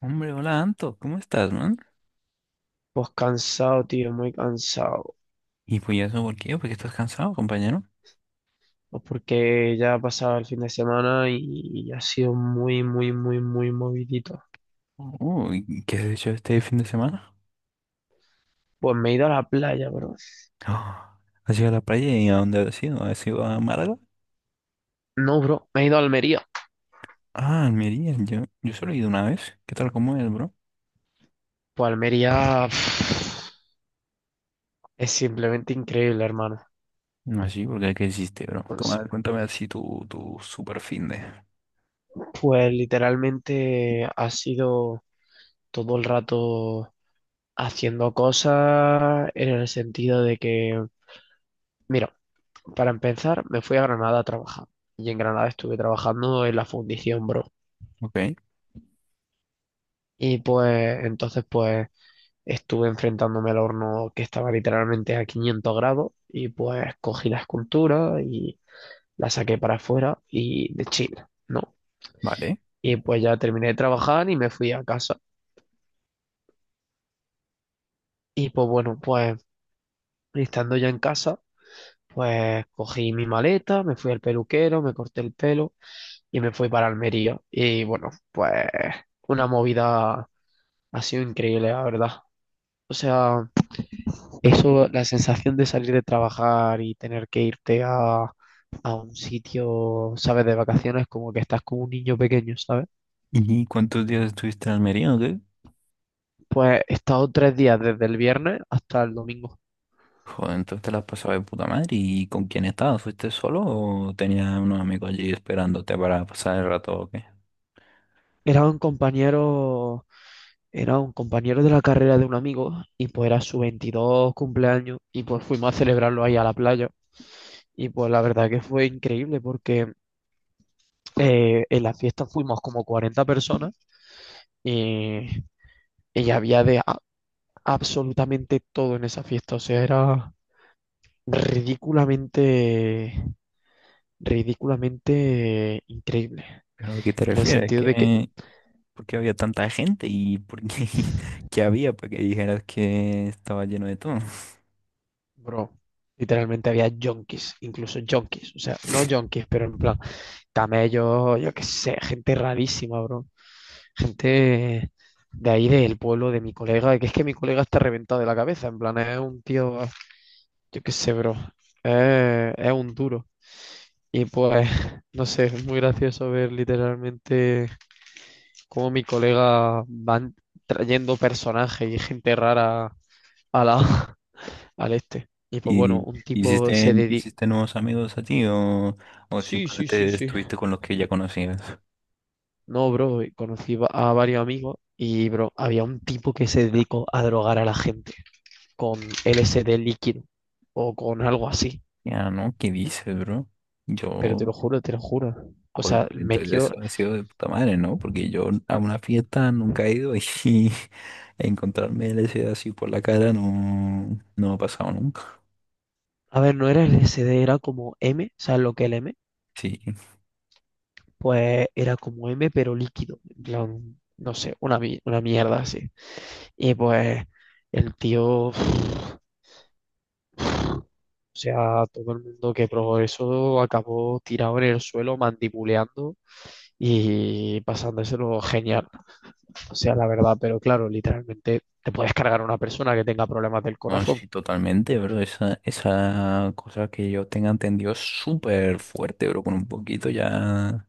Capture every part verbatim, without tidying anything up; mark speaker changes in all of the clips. Speaker 1: Hombre, hola Anto, ¿cómo estás, man?
Speaker 2: Pues cansado, tío, muy cansado.
Speaker 1: ¿Y pues eso por qué? ¿Porque estás cansado, compañero?
Speaker 2: Pues porque ya ha pasado el fin de semana y ha sido muy, muy, muy, muy movidito.
Speaker 1: Uy, ¿qué has hecho este fin de semana?
Speaker 2: Pues me he ido a la playa, bro.
Speaker 1: Ah, ¿has ido a la playa y a dónde has ido? ¿Has ido a Málaga?
Speaker 2: No, bro, me he ido a Almería.
Speaker 1: Ah, Almería, yo, yo solo he ido una vez. ¿Qué tal, cómo es, bro?
Speaker 2: Pues Almería, pff, es simplemente increíble, hermano.
Speaker 1: No, sí, porque ¿qué hiciste, bro? Como,
Speaker 2: Pues,
Speaker 1: a ver, cuéntame así tu, tu super fin de...
Speaker 2: pues literalmente ha sido todo el rato haciendo cosas en el sentido de que, mira, para empezar, me fui a Granada a trabajar. Y en Granada estuve trabajando en la fundición, bro.
Speaker 1: Ok,
Speaker 2: Y pues entonces pues estuve enfrentándome al horno que estaba literalmente a quinientos grados y pues cogí la escultura y la saqué para afuera y de China, ¿no?
Speaker 1: vale.
Speaker 2: Y pues ya terminé de trabajar y me fui a casa. Y pues bueno, pues estando ya en casa, pues cogí mi maleta, me fui al peluquero, me corté el pelo y me fui para Almería. Y bueno, pues una movida, ha sido increíble, la verdad. O sea… Eso, la sensación de salir de trabajar y tener que irte a, a un sitio, ¿sabes? De vacaciones, como que estás como un niño pequeño, ¿sabes?
Speaker 1: ¿Y cuántos días estuviste en Almería o qué?
Speaker 2: Pues he estado tres días desde el viernes hasta el domingo.
Speaker 1: Joder, entonces te la has pasado de puta madre. ¿Y con quién estabas? ¿Fuiste solo o tenías unos amigos allí esperándote para pasar el rato o qué?
Speaker 2: Era un compañero, era un compañero de la carrera de un amigo y pues era su veintidós cumpleaños y pues fuimos a celebrarlo ahí a la playa. Y pues la verdad que fue increíble porque eh, en la fiesta fuimos como cuarenta personas y, y había de, absolutamente todo en esa fiesta. O sea, era ridículamente, ridículamente increíble.
Speaker 1: ¿Pero a qué te
Speaker 2: En el
Speaker 1: refieres?
Speaker 2: sentido de que,
Speaker 1: ¿Qué, por qué había tanta gente y por qué, qué había para que dijeras que estaba lleno de todo?
Speaker 2: bro, literalmente había junkies, incluso junkies. O sea, no junkies, pero en plan, camellos, yo qué sé, gente rarísima, bro. Gente de ahí del pueblo de mi colega, que es que mi colega está reventado de la cabeza, en plan, es un tío, yo qué sé, bro. Eh, es un duro. Y pues, no sé, es muy gracioso ver literalmente cómo mi colega van trayendo personajes y gente rara a la, al este. Y pues bueno,
Speaker 1: ¿Y
Speaker 2: un tipo
Speaker 1: hiciste,
Speaker 2: se dedica…
Speaker 1: hiciste nuevos amigos a ti o, o
Speaker 2: Sí, sí, sí,
Speaker 1: simplemente
Speaker 2: sí.
Speaker 1: estuviste con los que ya conocías?
Speaker 2: No, bro, eh, conocí va- a varios amigos y, bro, había un tipo que se dedicó a drogar a la gente con L S D líquido o con algo así.
Speaker 1: Ya, ¿no? ¿Qué dices, bro?
Speaker 2: Pero
Speaker 1: Yo,
Speaker 2: te lo juro, te lo juro. O
Speaker 1: joder,
Speaker 2: sea,
Speaker 1: pues entonces
Speaker 2: metió…
Speaker 1: eso ha sido de puta madre, ¿no? Porque yo a una fiesta nunca he ido y encontrarme L S D así por la cara no, no ha pasado nunca.
Speaker 2: A ver, no era L S D, era como M, ¿sabes lo que es el M?
Speaker 1: Sí.
Speaker 2: Pues era como M, pero líquido. En plan, no sé, una, mi- una mierda así. Y pues el tío, o sea, todo el mundo que probó eso acabó tirado en el suelo, mandibuleando y pasándoselo genial. O sea, la verdad, pero claro, literalmente te puedes cargar a una persona que tenga problemas del
Speaker 1: No,
Speaker 2: corazón.
Speaker 1: sí, totalmente, bro. Esa, esa cosa que yo tenga entendido es súper fuerte, bro. Con un poquito ya,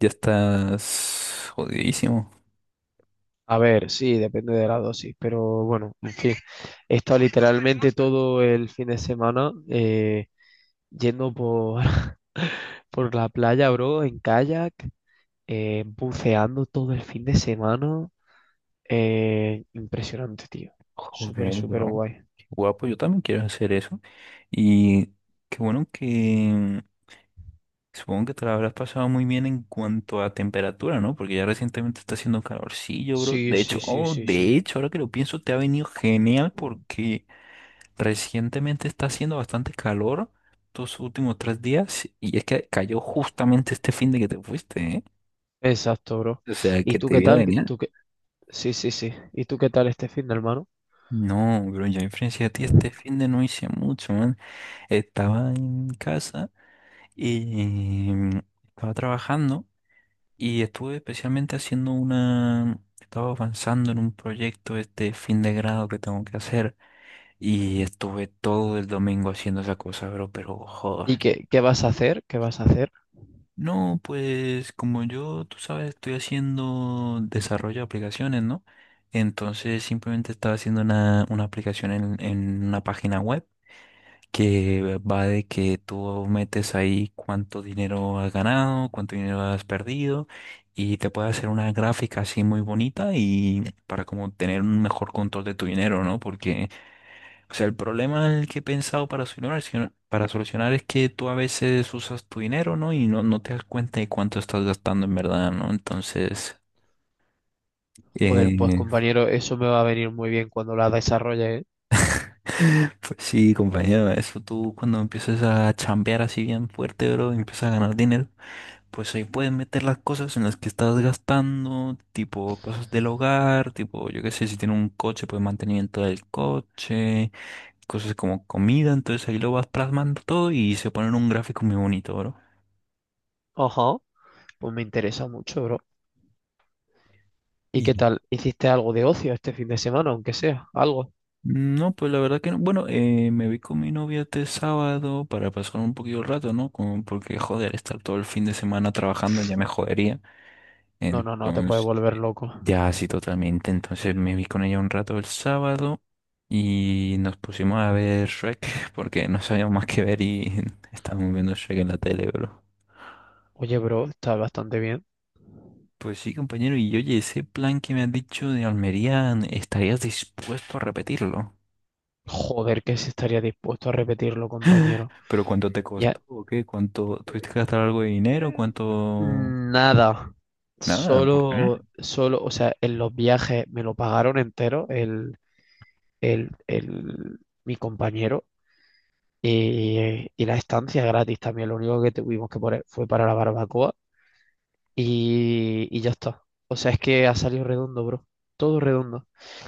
Speaker 1: ya estás jodidísimo.
Speaker 2: A ver, sí, depende de la dosis, pero bueno, en fin. He estado literalmente todo el fin de semana eh, yendo por, por la playa, bro, en kayak, eh, buceando todo el fin de semana. Eh, impresionante, tío. Súper,
Speaker 1: Joder,
Speaker 2: súper
Speaker 1: bro.
Speaker 2: guay.
Speaker 1: Qué guapo, yo también quiero hacer eso. Y qué bueno que supongo que te la habrás pasado muy bien en cuanto a temperatura, ¿no? Porque ya recientemente está haciendo calorcillo, bro.
Speaker 2: Sí,
Speaker 1: De hecho,
Speaker 2: sí, sí,
Speaker 1: oh,
Speaker 2: sí, sí.
Speaker 1: de hecho, ahora que lo pienso, te ha venido genial porque recientemente está haciendo bastante calor estos últimos tres días y es que cayó justamente este fin de que te fuiste, ¿eh?
Speaker 2: Exacto, bro.
Speaker 1: O sea,
Speaker 2: ¿Y
Speaker 1: que
Speaker 2: tú
Speaker 1: te
Speaker 2: qué
Speaker 1: vieron
Speaker 2: tal?
Speaker 1: venir.
Speaker 2: ¿Tú qué Sí, sí, sí. ¿Y tú qué tal este fin de, hermano?
Speaker 1: No, pero yo en frente a ti este fin de no hice mucho, man. Estaba en casa y mm, estaba trabajando y estuve especialmente haciendo una... Estaba avanzando en un proyecto este fin de grado que tengo que hacer y estuve todo el domingo haciendo esa cosa, bro, pero
Speaker 2: ¿Y
Speaker 1: joder.
Speaker 2: qué, qué vas a hacer? ¿Qué vas a hacer?
Speaker 1: No, pues como yo, tú sabes, estoy haciendo desarrollo de aplicaciones, ¿no? Entonces simplemente estaba haciendo una, una aplicación en, en una página web que va de que tú metes ahí cuánto dinero has ganado, cuánto dinero has perdido y te puede hacer una gráfica así muy bonita y para como tener un mejor control de tu dinero, ¿no? Porque o sea, el problema en el que he pensado para solucionar, sino- para solucionar es que tú a veces usas tu dinero, ¿no? Y no, no te das cuenta de cuánto estás gastando en verdad, ¿no? Entonces,
Speaker 2: Joder, pues
Speaker 1: eh,
Speaker 2: compañero, eso me va a venir muy bien cuando la desarrolle, ¿eh?
Speaker 1: pues sí, compañero, eso tú cuando empiezas a chambear así bien fuerte, bro, y empiezas a ganar dinero, pues ahí puedes meter las cosas en las que estás gastando, tipo cosas del hogar, tipo, yo qué sé, si tienes un coche, pues mantenimiento del coche, cosas como comida, entonces ahí lo vas plasmando todo y se pone en un gráfico muy bonito, bro.
Speaker 2: Ajá. Pues me interesa mucho, bro. ¿Y
Speaker 1: Y
Speaker 2: qué tal? ¿Hiciste algo de ocio este fin de semana, aunque sea? ¿Algo?
Speaker 1: no, pues la verdad que no. Bueno, eh, me vi con mi novia este sábado para pasar un poquito el rato, ¿no? Como porque, joder, estar todo el fin de semana trabajando ya me jodería.
Speaker 2: No, no, no, te puedes
Speaker 1: Entonces,
Speaker 2: volver loco.
Speaker 1: ya sí, totalmente. Entonces me vi con ella un rato el sábado y nos pusimos a ver Shrek porque no sabíamos más que ver y estábamos viendo Shrek en la tele, bro.
Speaker 2: Oye, bro, está bastante bien.
Speaker 1: Pues sí, compañero, y oye, ese plan que me has dicho de Almería, ¿estarías dispuesto a repetirlo?
Speaker 2: Joder, que si estaría dispuesto a repetirlo, compañero.
Speaker 1: ¿Pero cuánto te
Speaker 2: Ya,
Speaker 1: costó o qué? ¿Cuánto tuviste que gastar algo de dinero?
Speaker 2: eh,
Speaker 1: ¿Cuánto?
Speaker 2: nada.
Speaker 1: Nada, ¿por qué?
Speaker 2: Solo, solo, o sea, en los viajes me lo pagaron entero, el, el, el- mi compañero y, y la estancia gratis también. Lo único que tuvimos que poner fue para la barbacoa y, y ya está. O sea, es que ha salido redondo, bro. Todo redondo.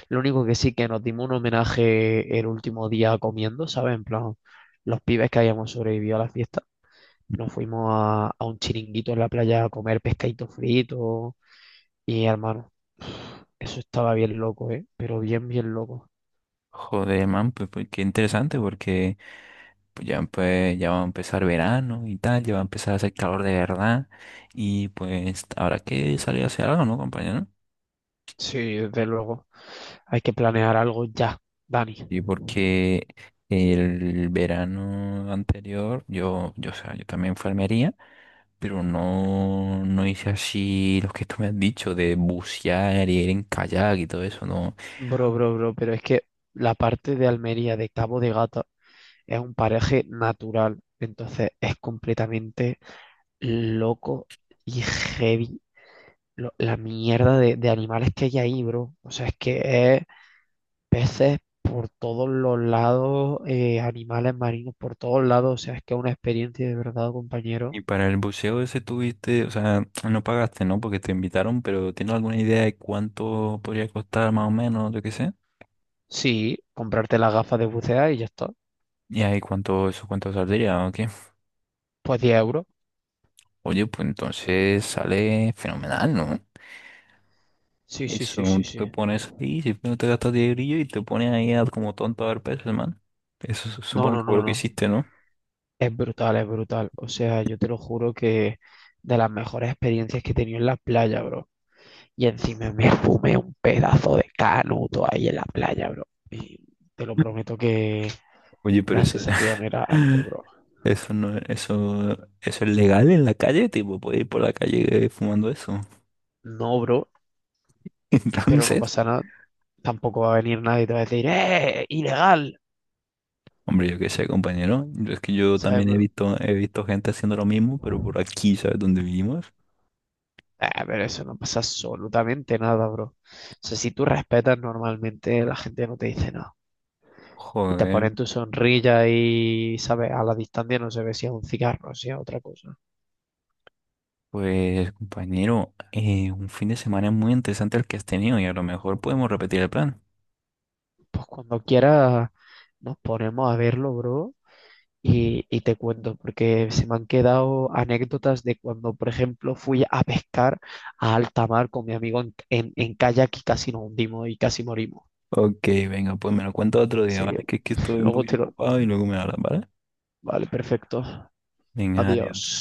Speaker 2: Lo único que sí que nos dimos un homenaje el último día comiendo, ¿sabes? En plan, los pibes que habíamos sobrevivido a la fiesta. Nos fuimos a, a un chiringuito en la playa a comer pescadito frito y, hermano, eso estaba bien loco, ¿eh? Pero bien, bien loco.
Speaker 1: Joder, man, pues, pues, qué interesante porque pues, ya, pues, ya va a empezar verano y tal, ya va a empezar a hacer calor de verdad y pues habrá que salir a hacer algo, ¿no, compañero? No.
Speaker 2: Sí, desde luego. Hay que planear algo ya, Dani.
Speaker 1: Y porque el verano anterior yo, yo, o sea, yo también fui a Almería, pero no, no hice así lo que tú me has dicho de bucear y ir en kayak y todo eso, no.
Speaker 2: Bro, bro, bro, pero es que la parte de Almería de Cabo de Gata es un paraje natural, entonces es completamente loco y heavy lo- la mierda de, de animales que hay ahí, bro. O sea, es que es peces por todos los lados, eh, animales marinos por todos lados, o sea, es que es una experiencia de verdad, compañero.
Speaker 1: Y para el buceo ese tuviste, o sea, no pagaste, ¿no? Porque te invitaron, pero ¿tienes alguna idea de cuánto podría costar más o menos, yo qué sé?
Speaker 2: Sí, comprarte las gafas de bucea y ya está.
Speaker 1: Y ahí cuánto, eso cuánto saldría, ¿o qué?
Speaker 2: Pues diez euros.
Speaker 1: Oye, pues entonces sale fenomenal, ¿no?
Speaker 2: Sí, sí,
Speaker 1: Eso,
Speaker 2: sí, sí,
Speaker 1: tú
Speaker 2: sí.
Speaker 1: te pones ahí, si no te gastas diez brillos y te pones ahí a- como tonto a ver peces, man. Eso su-
Speaker 2: No,
Speaker 1: supongo
Speaker 2: no,
Speaker 1: que fue
Speaker 2: no,
Speaker 1: lo que
Speaker 2: no.
Speaker 1: hiciste, ¿no?
Speaker 2: Es brutal, es brutal. O sea, yo te lo juro que de las mejores experiencias que he tenido en la playa, bro. Y encima me fumé un pedazo de canuto ahí en la playa, bro. Y te lo prometo que
Speaker 1: Oye, pero
Speaker 2: la
Speaker 1: eso,
Speaker 2: sensación era algo, bro.
Speaker 1: eso no, eso, eso es legal en la calle, tipo, puedes ir por la calle eh, fumando eso.
Speaker 2: No, bro, pero no
Speaker 1: Entonces.
Speaker 2: pasa nada. Tampoco va a venir nadie y te va a decir, ¡eh, ilegal!
Speaker 1: Hombre, yo qué sé, compañero. Es que yo
Speaker 2: ¿Sabes,
Speaker 1: también he
Speaker 2: bro?
Speaker 1: visto, he visto gente haciendo lo mismo, pero por aquí, ¿sabes dónde vivimos?
Speaker 2: Ah, pero eso no pasa absolutamente nada, bro. O sea, si tú respetas normalmente, la gente no te dice nada. Y te
Speaker 1: Joder,
Speaker 2: ponen tu sonrilla y, ¿sabes? A la distancia no se ve si es un cigarro, si es otra cosa.
Speaker 1: pues, compañero, eh, un fin de semana muy interesante el que has tenido y a lo mejor podemos repetir el plan.
Speaker 2: Pues cuando quieras nos ponemos a verlo, bro, y, y te cuento, porque se me han quedado anécdotas de cuando, por ejemplo, fui a pescar a alta mar con mi amigo en, en, en kayak y casi nos hundimos y casi morimos.
Speaker 1: Ok, venga, pues me lo cuento otro día,
Speaker 2: Así que
Speaker 1: ¿vale? Que es que estoy un
Speaker 2: luego
Speaker 1: poquito
Speaker 2: te lo…
Speaker 1: ocupado y luego me hablan, ¿vale?
Speaker 2: Vale, perfecto.
Speaker 1: Venga,
Speaker 2: Adiós.
Speaker 1: adiós.